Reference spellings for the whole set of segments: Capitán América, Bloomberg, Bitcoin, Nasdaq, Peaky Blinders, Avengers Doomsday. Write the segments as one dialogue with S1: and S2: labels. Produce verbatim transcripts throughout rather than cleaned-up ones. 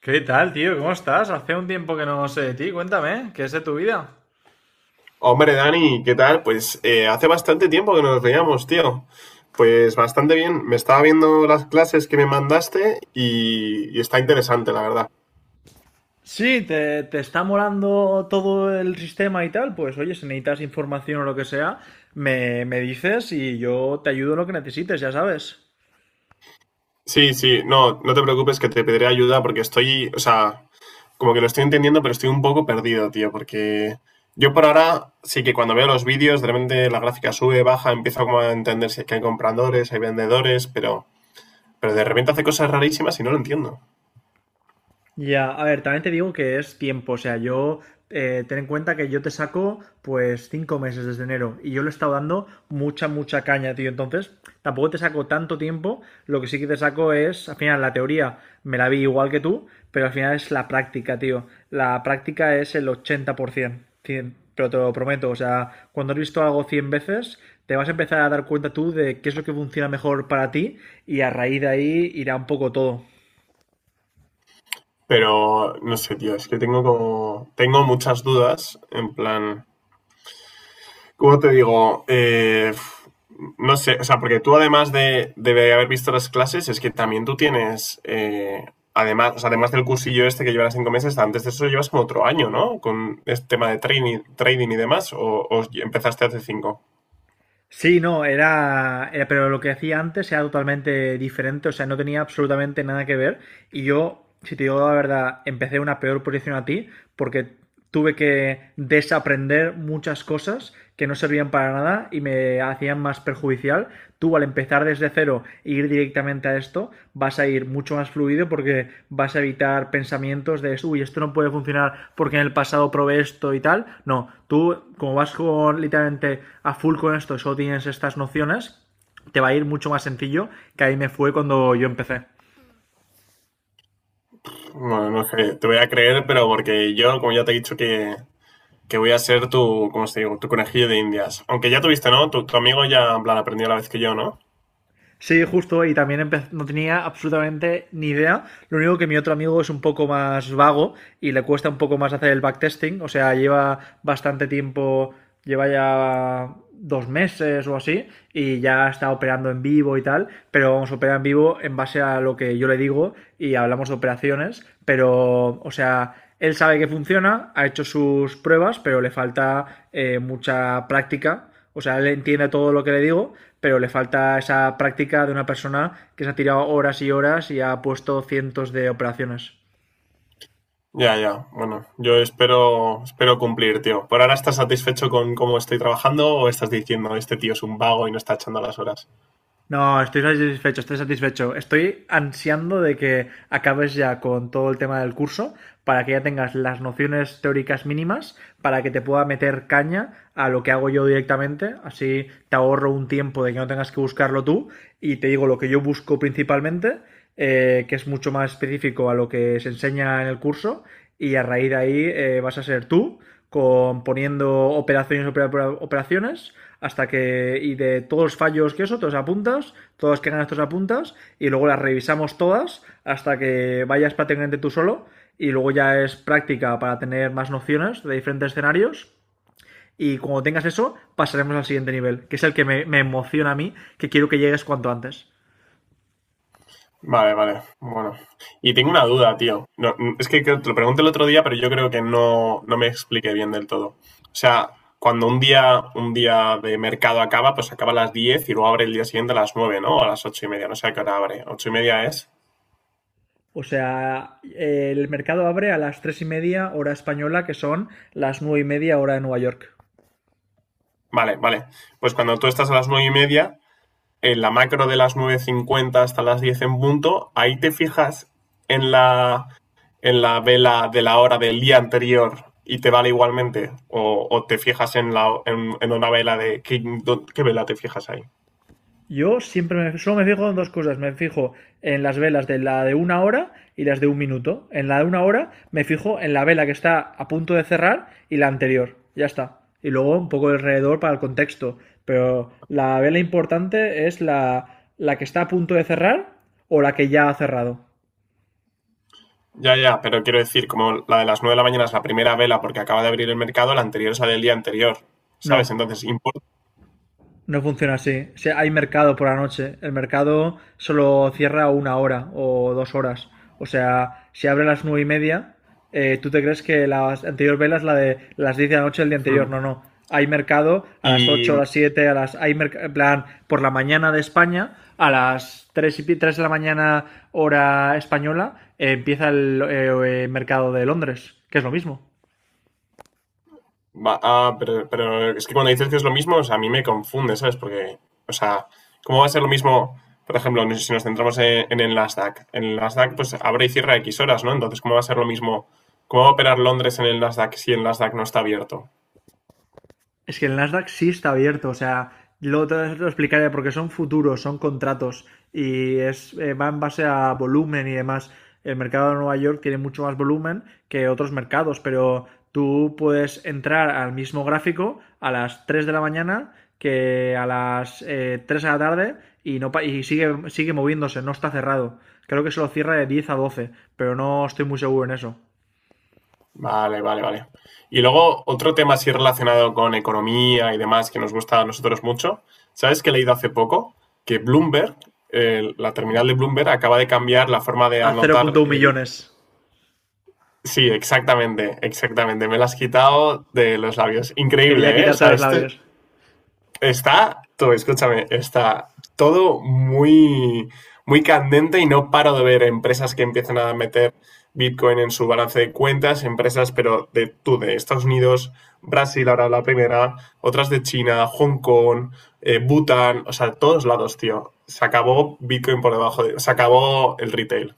S1: ¿Qué tal, tío? ¿Cómo estás? Hace un tiempo que no sé de ti. Cuéntame, ¿qué es de tu vida?
S2: Hombre, Dani, ¿qué tal? Pues eh, hace bastante tiempo que no nos veíamos, tío. Pues bastante bien. Me estaba viendo las clases que me mandaste y, y está interesante, la verdad.
S1: Sí, te, te está molando todo el sistema y tal, pues oye, si necesitas información o lo que sea, me, me dices y yo te ayudo en lo que necesites, ya sabes.
S2: Sí, sí, no, no te preocupes que te pediré ayuda porque estoy, o sea, como que lo estoy entendiendo, pero estoy un poco perdido, tío, porque yo por ahora sí que cuando veo los vídeos, de repente la gráfica sube, baja, empiezo como a entender si es que hay compradores, hay vendedores, pero, pero de repente hace cosas rarísimas y no lo entiendo.
S1: Ya, a ver, también te digo que es tiempo, o sea, yo eh, ten en cuenta que yo te saco pues cinco meses desde enero y yo le he estado dando mucha, mucha caña, tío, entonces tampoco te saco tanto tiempo. Lo que sí que te saco es, al final la teoría me la vi igual que tú, pero al final es la práctica, tío, la práctica es el ochenta por ciento, cien. Pero te lo prometo, o sea, cuando has visto algo cien veces, te vas a empezar a dar cuenta tú de qué es lo que funciona mejor para ti, y a raíz de ahí irá un poco todo.
S2: Pero no sé, tío, es que tengo como. Tengo muchas dudas. En plan. ¿Cómo te digo? Eh, no sé, o sea, porque tú además de, de haber visto las clases, es que también tú tienes. Eh, además, o sea, además del cursillo este que llevas cinco meses, antes de eso llevas como otro año, ¿no? Con este tema de training, trading y demás, o, o empezaste hace cinco.
S1: Sí, no, era, era- pero lo que hacía antes era totalmente diferente, o sea, no tenía absolutamente nada que ver. Y yo, si te digo la verdad, empecé en una peor posición a ti, porque tuve que desaprender muchas cosas que no servían para nada y me hacían más perjudicial. Tú, al empezar desde cero e ir directamente a esto, vas a ir mucho más fluido porque vas a evitar pensamientos de, uy, esto no puede funcionar porque en el pasado probé esto y tal. No, tú como vas con literalmente a full con esto, solo tienes estas nociones, te va a ir mucho más sencillo que ahí me fue cuando yo empecé.
S2: Bueno, no no sé, te voy a creer, pero porque yo, como ya te he dicho que que voy a ser tu, ¿cómo se digo? Tu conejillo de indias. Aunque ya tuviste, ¿no? Tu, tu amigo ya, en plan, aprendió la vez que yo, ¿no?
S1: Sí, justo, y también empe- no tenía absolutamente ni idea. Lo único que mi otro amigo es un poco más vago y le cuesta un poco más hacer el backtesting. O sea, lleva bastante tiempo, lleva ya dos meses o así, y ya está operando en vivo y tal. Pero vamos a operar en vivo en base a lo que yo le digo y hablamos de operaciones. Pero, o sea, él sabe que funciona, ha hecho sus pruebas, pero le falta eh, mucha práctica. O sea, él entiende todo lo que le digo, pero le falta esa práctica de una persona que se ha tirado horas y horas y ha puesto cientos de operaciones.
S2: Ya, ya. Bueno, yo espero, espero cumplir, tío. ¿Por ahora estás satisfecho con cómo estoy trabajando o estás diciendo este tío es un vago y no está echando las horas?
S1: No, estoy satisfecho, estoy satisfecho. Estoy ansiando de que acabes ya con todo el tema del curso para que ya tengas las nociones teóricas mínimas, para que te pueda meter caña a lo que hago yo directamente. Así te ahorro un tiempo de que no tengas que buscarlo tú, y te digo lo que yo busco principalmente, eh, que es mucho más específico a lo que se enseña en el curso. Y a raíz de ahí, eh, vas a ser tú con poniendo operaciones, operaciones, hasta que, y de todos los fallos que eso, todos apuntas, todos los que ganas, todos apuntas, y luego las revisamos todas hasta que vayas prácticamente tú solo. Y luego ya es práctica para tener más nociones de diferentes escenarios, y cuando tengas eso, pasaremos al siguiente nivel, que es el que me, me emociona a mí, que quiero que llegues cuanto antes.
S2: Vale, vale. Bueno. Y tengo una duda, tío. No, es que creo- te lo pregunté el otro día, pero yo creo que no, no me expliqué bien del todo. O sea, cuando un día, un día de mercado acaba, pues acaba a las diez y luego abre el día siguiente a las nueve, ¿no? O a las ocho y media. No sé a qué hora abre. ¿Ocho y media es?
S1: O sea, eh, el mercado abre a las tres y media hora española, que son las nueve y media hora de Nueva York.
S2: Vale, vale. Pues cuando tú estás a las nueve y media, en la macro de las nueve cincuenta hasta las diez en punto, ahí te fijas en la, en la vela de la hora del día anterior y te vale igualmente. O, o te fijas en, la, en, en una vela de... ¿Qué, dó- ¿Qué vela te fijas ahí?
S1: Yo siempre me, solo me fijo en dos cosas. Me fijo en las velas de la de una hora y las de un minuto. En la de una hora me fijo en la vela que está a punto de cerrar y la anterior. Ya está. Y luego un poco alrededor para el contexto. Pero la vela importante es la, la que está a punto de cerrar o la que ya ha cerrado.
S2: Ya, ya, pero quiero decir, como la de las nueve de la mañana es la primera vela porque acaba de abrir el mercado, la anterior es la del día anterior, ¿sabes?
S1: No,
S2: Entonces, importa.
S1: no funciona así. Si hay mercado por la noche. El mercado solo cierra una hora o dos horas. O sea, si abre a las nueve y media, eh, tú te crees que las anterior velas la de las diez de la noche del día
S2: Hmm.
S1: anterior. No, no. Hay mercado a las
S2: Y
S1: ocho, a las siete, a las. Hay merc- en plan, por la mañana de España, a las tres y, tres de la mañana, hora española, eh, empieza el eh, eh, mercado de Londres, que es lo mismo.
S2: Va- ah, pero, pero es que cuando dices que es lo mismo, o sea, a mí me confunde, ¿sabes? Porque, o sea, ¿cómo va a ser lo mismo? Por ejemplo, no sé si nos centramos en, en el Nasdaq. En el Nasdaq, pues abre y cierra X horas, ¿no? Entonces, ¿cómo va a ser lo mismo? ¿Cómo va a operar Londres en el Nasdaq si el Nasdaq no está abierto?
S1: Es que el Nasdaq sí está abierto, o sea, lo, te lo explicaré porque son futuros, son contratos y es, eh, va en base a volumen y demás. El mercado de Nueva York tiene mucho más volumen que otros mercados, pero tú puedes entrar al mismo gráfico a las tres de la mañana que a las eh, tres de la tarde y, no, y sigue, sigue moviéndose, no está cerrado. Creo que se lo cierra de diez a doce, pero no estoy muy seguro en eso.
S2: Vale, vale, vale. Y luego, otro tema así relacionado con economía y demás que nos gusta a nosotros mucho. ¿Sabes que he leído hace poco? Que Bloomberg, eh, la terminal de Bloomberg, acaba de cambiar la forma de
S1: A
S2: anotar.
S1: cero coma uno millones.
S2: Sí, exactamente, exactamente. Me lo has quitado de los labios.
S1: Quería
S2: Increíble, ¿eh? O
S1: quitarte
S2: sea,
S1: los
S2: esto
S1: labios.
S2: está, todo, escúchame, está todo muy, muy candente y no paro de ver empresas que empiezan a meter Bitcoin en su balance de cuentas, empresas, pero de tú, de Estados Unidos, Brasil ahora la primera, otras de China, Hong Kong, eh, Bután, o sea, todos lados, tío. Se acabó Bitcoin por debajo de, se acabó el retail.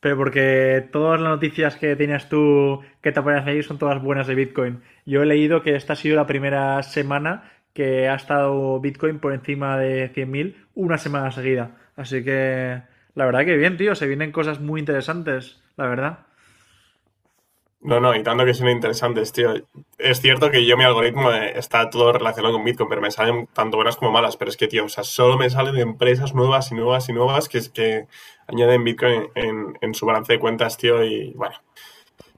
S1: Pero porque todas las noticias que tienes tú que te aparecen ahí son todas buenas de Bitcoin. Yo he leído que esta ha sido la primera semana que ha estado Bitcoin por encima de cien mil una semana seguida. Así que la verdad que bien, tío, se vienen cosas muy interesantes, la verdad.
S2: No, no, y tanto que son interesantes, tío. Es cierto que yo mi algoritmo eh, está todo relacionado con Bitcoin, pero me salen tanto buenas como malas. Pero es que, tío, o sea, solo me salen empresas nuevas y nuevas y nuevas que, es que añaden Bitcoin en, en su balance de cuentas, tío. Y bueno,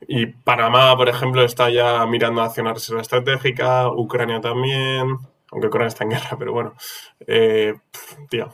S2: y Panamá, por ejemplo, está ya mirando hacia una reserva estratégica, Ucrania también, aunque Ucrania está en guerra, pero bueno. Eh, pf, tío.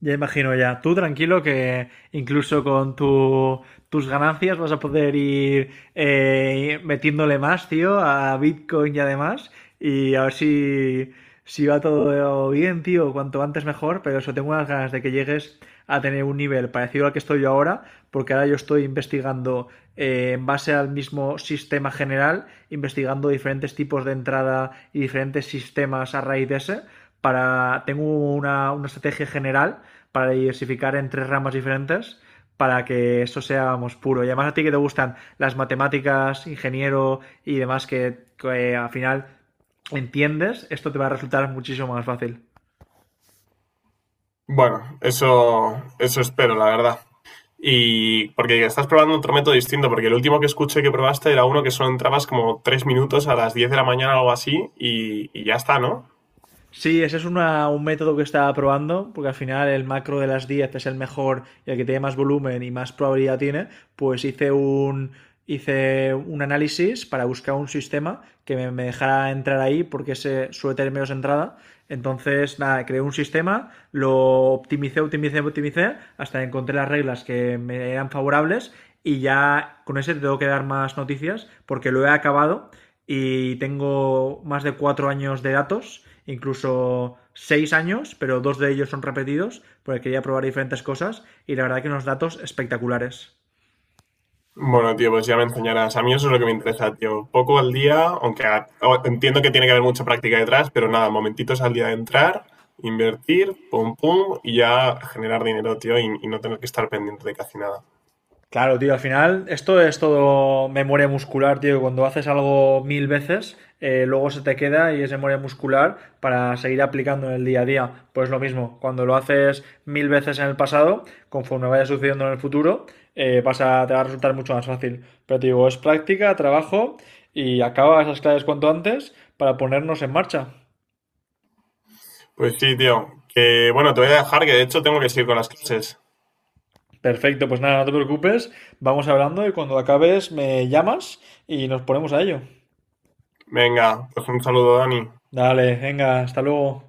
S1: Ya imagino ya. Tú tranquilo que incluso con tu, tus ganancias vas a poder ir eh, metiéndole más, tío, a Bitcoin y además. Y a ver si, si va todo bien, tío. Cuanto antes mejor. Pero eso, tengo unas ganas de que llegues a tener un nivel parecido al que estoy yo ahora. Porque ahora yo estoy investigando eh, en base al mismo sistema general, investigando diferentes tipos de entrada y diferentes sistemas a raíz de ese para tengo una, una estrategia general para diversificar en tres ramas diferentes para que esto sea vamos, puro. Y además a ti que te gustan las matemáticas, ingeniero y demás que, que al final entiendes, esto te va a resultar muchísimo más fácil.
S2: Bueno, eso, eso espero, la verdad. Y porque estás probando otro método distinto, porque el último que escuché que probaste era uno que solo entrabas como tres minutos a las diez de la mañana o algo así y, y ya está, ¿no?
S1: Sí, ese es una- un método que estaba probando, porque al final el macro de las diez es el mejor y el que tiene más volumen y más probabilidad tiene, pues hice un, hice un análisis para buscar un sistema que me, me dejara entrar ahí, porque se suele tener menos entrada. Entonces, nada, creé un sistema, lo optimicé, optimicé, optimicé, hasta que encontré las reglas que me eran favorables, y ya con ese te tengo que dar más noticias, porque lo he acabado y tengo más de cuatro años de datos, incluso seis años, pero dos de ellos son repetidos, porque quería probar diferentes cosas y la verdad que unos datos espectaculares.
S2: Bueno, tío, pues ya me enseñarás. A mí eso es lo que me interesa, tío. Poco al día, aunque a- o- entiendo que tiene que haber mucha práctica detrás, pero nada, momentitos al día de entrar, invertir, pum, pum, y ya generar dinero, tío, y, y no tener que estar pendiente de casi nada.
S1: Claro, tío, al final esto es todo memoria muscular, tío. Cuando haces algo mil veces, eh, luego se te queda y es memoria muscular para seguir aplicando en el día a día. Pues lo mismo, cuando lo haces mil veces en el pasado, conforme vaya sucediendo en el futuro, eh, vas a, te va a resultar mucho más fácil. Pero te digo, es práctica, trabajo, y acaba esas claves cuanto antes para ponernos en marcha.
S2: Pues sí, tío, que bueno, te voy a dejar, que de hecho tengo que seguir con las clases.
S1: Perfecto, pues nada, no te preocupes, vamos hablando y cuando acabes me llamas y nos ponemos a ello.
S2: Venga, pues un saludo, Dani.
S1: Dale, venga, hasta luego.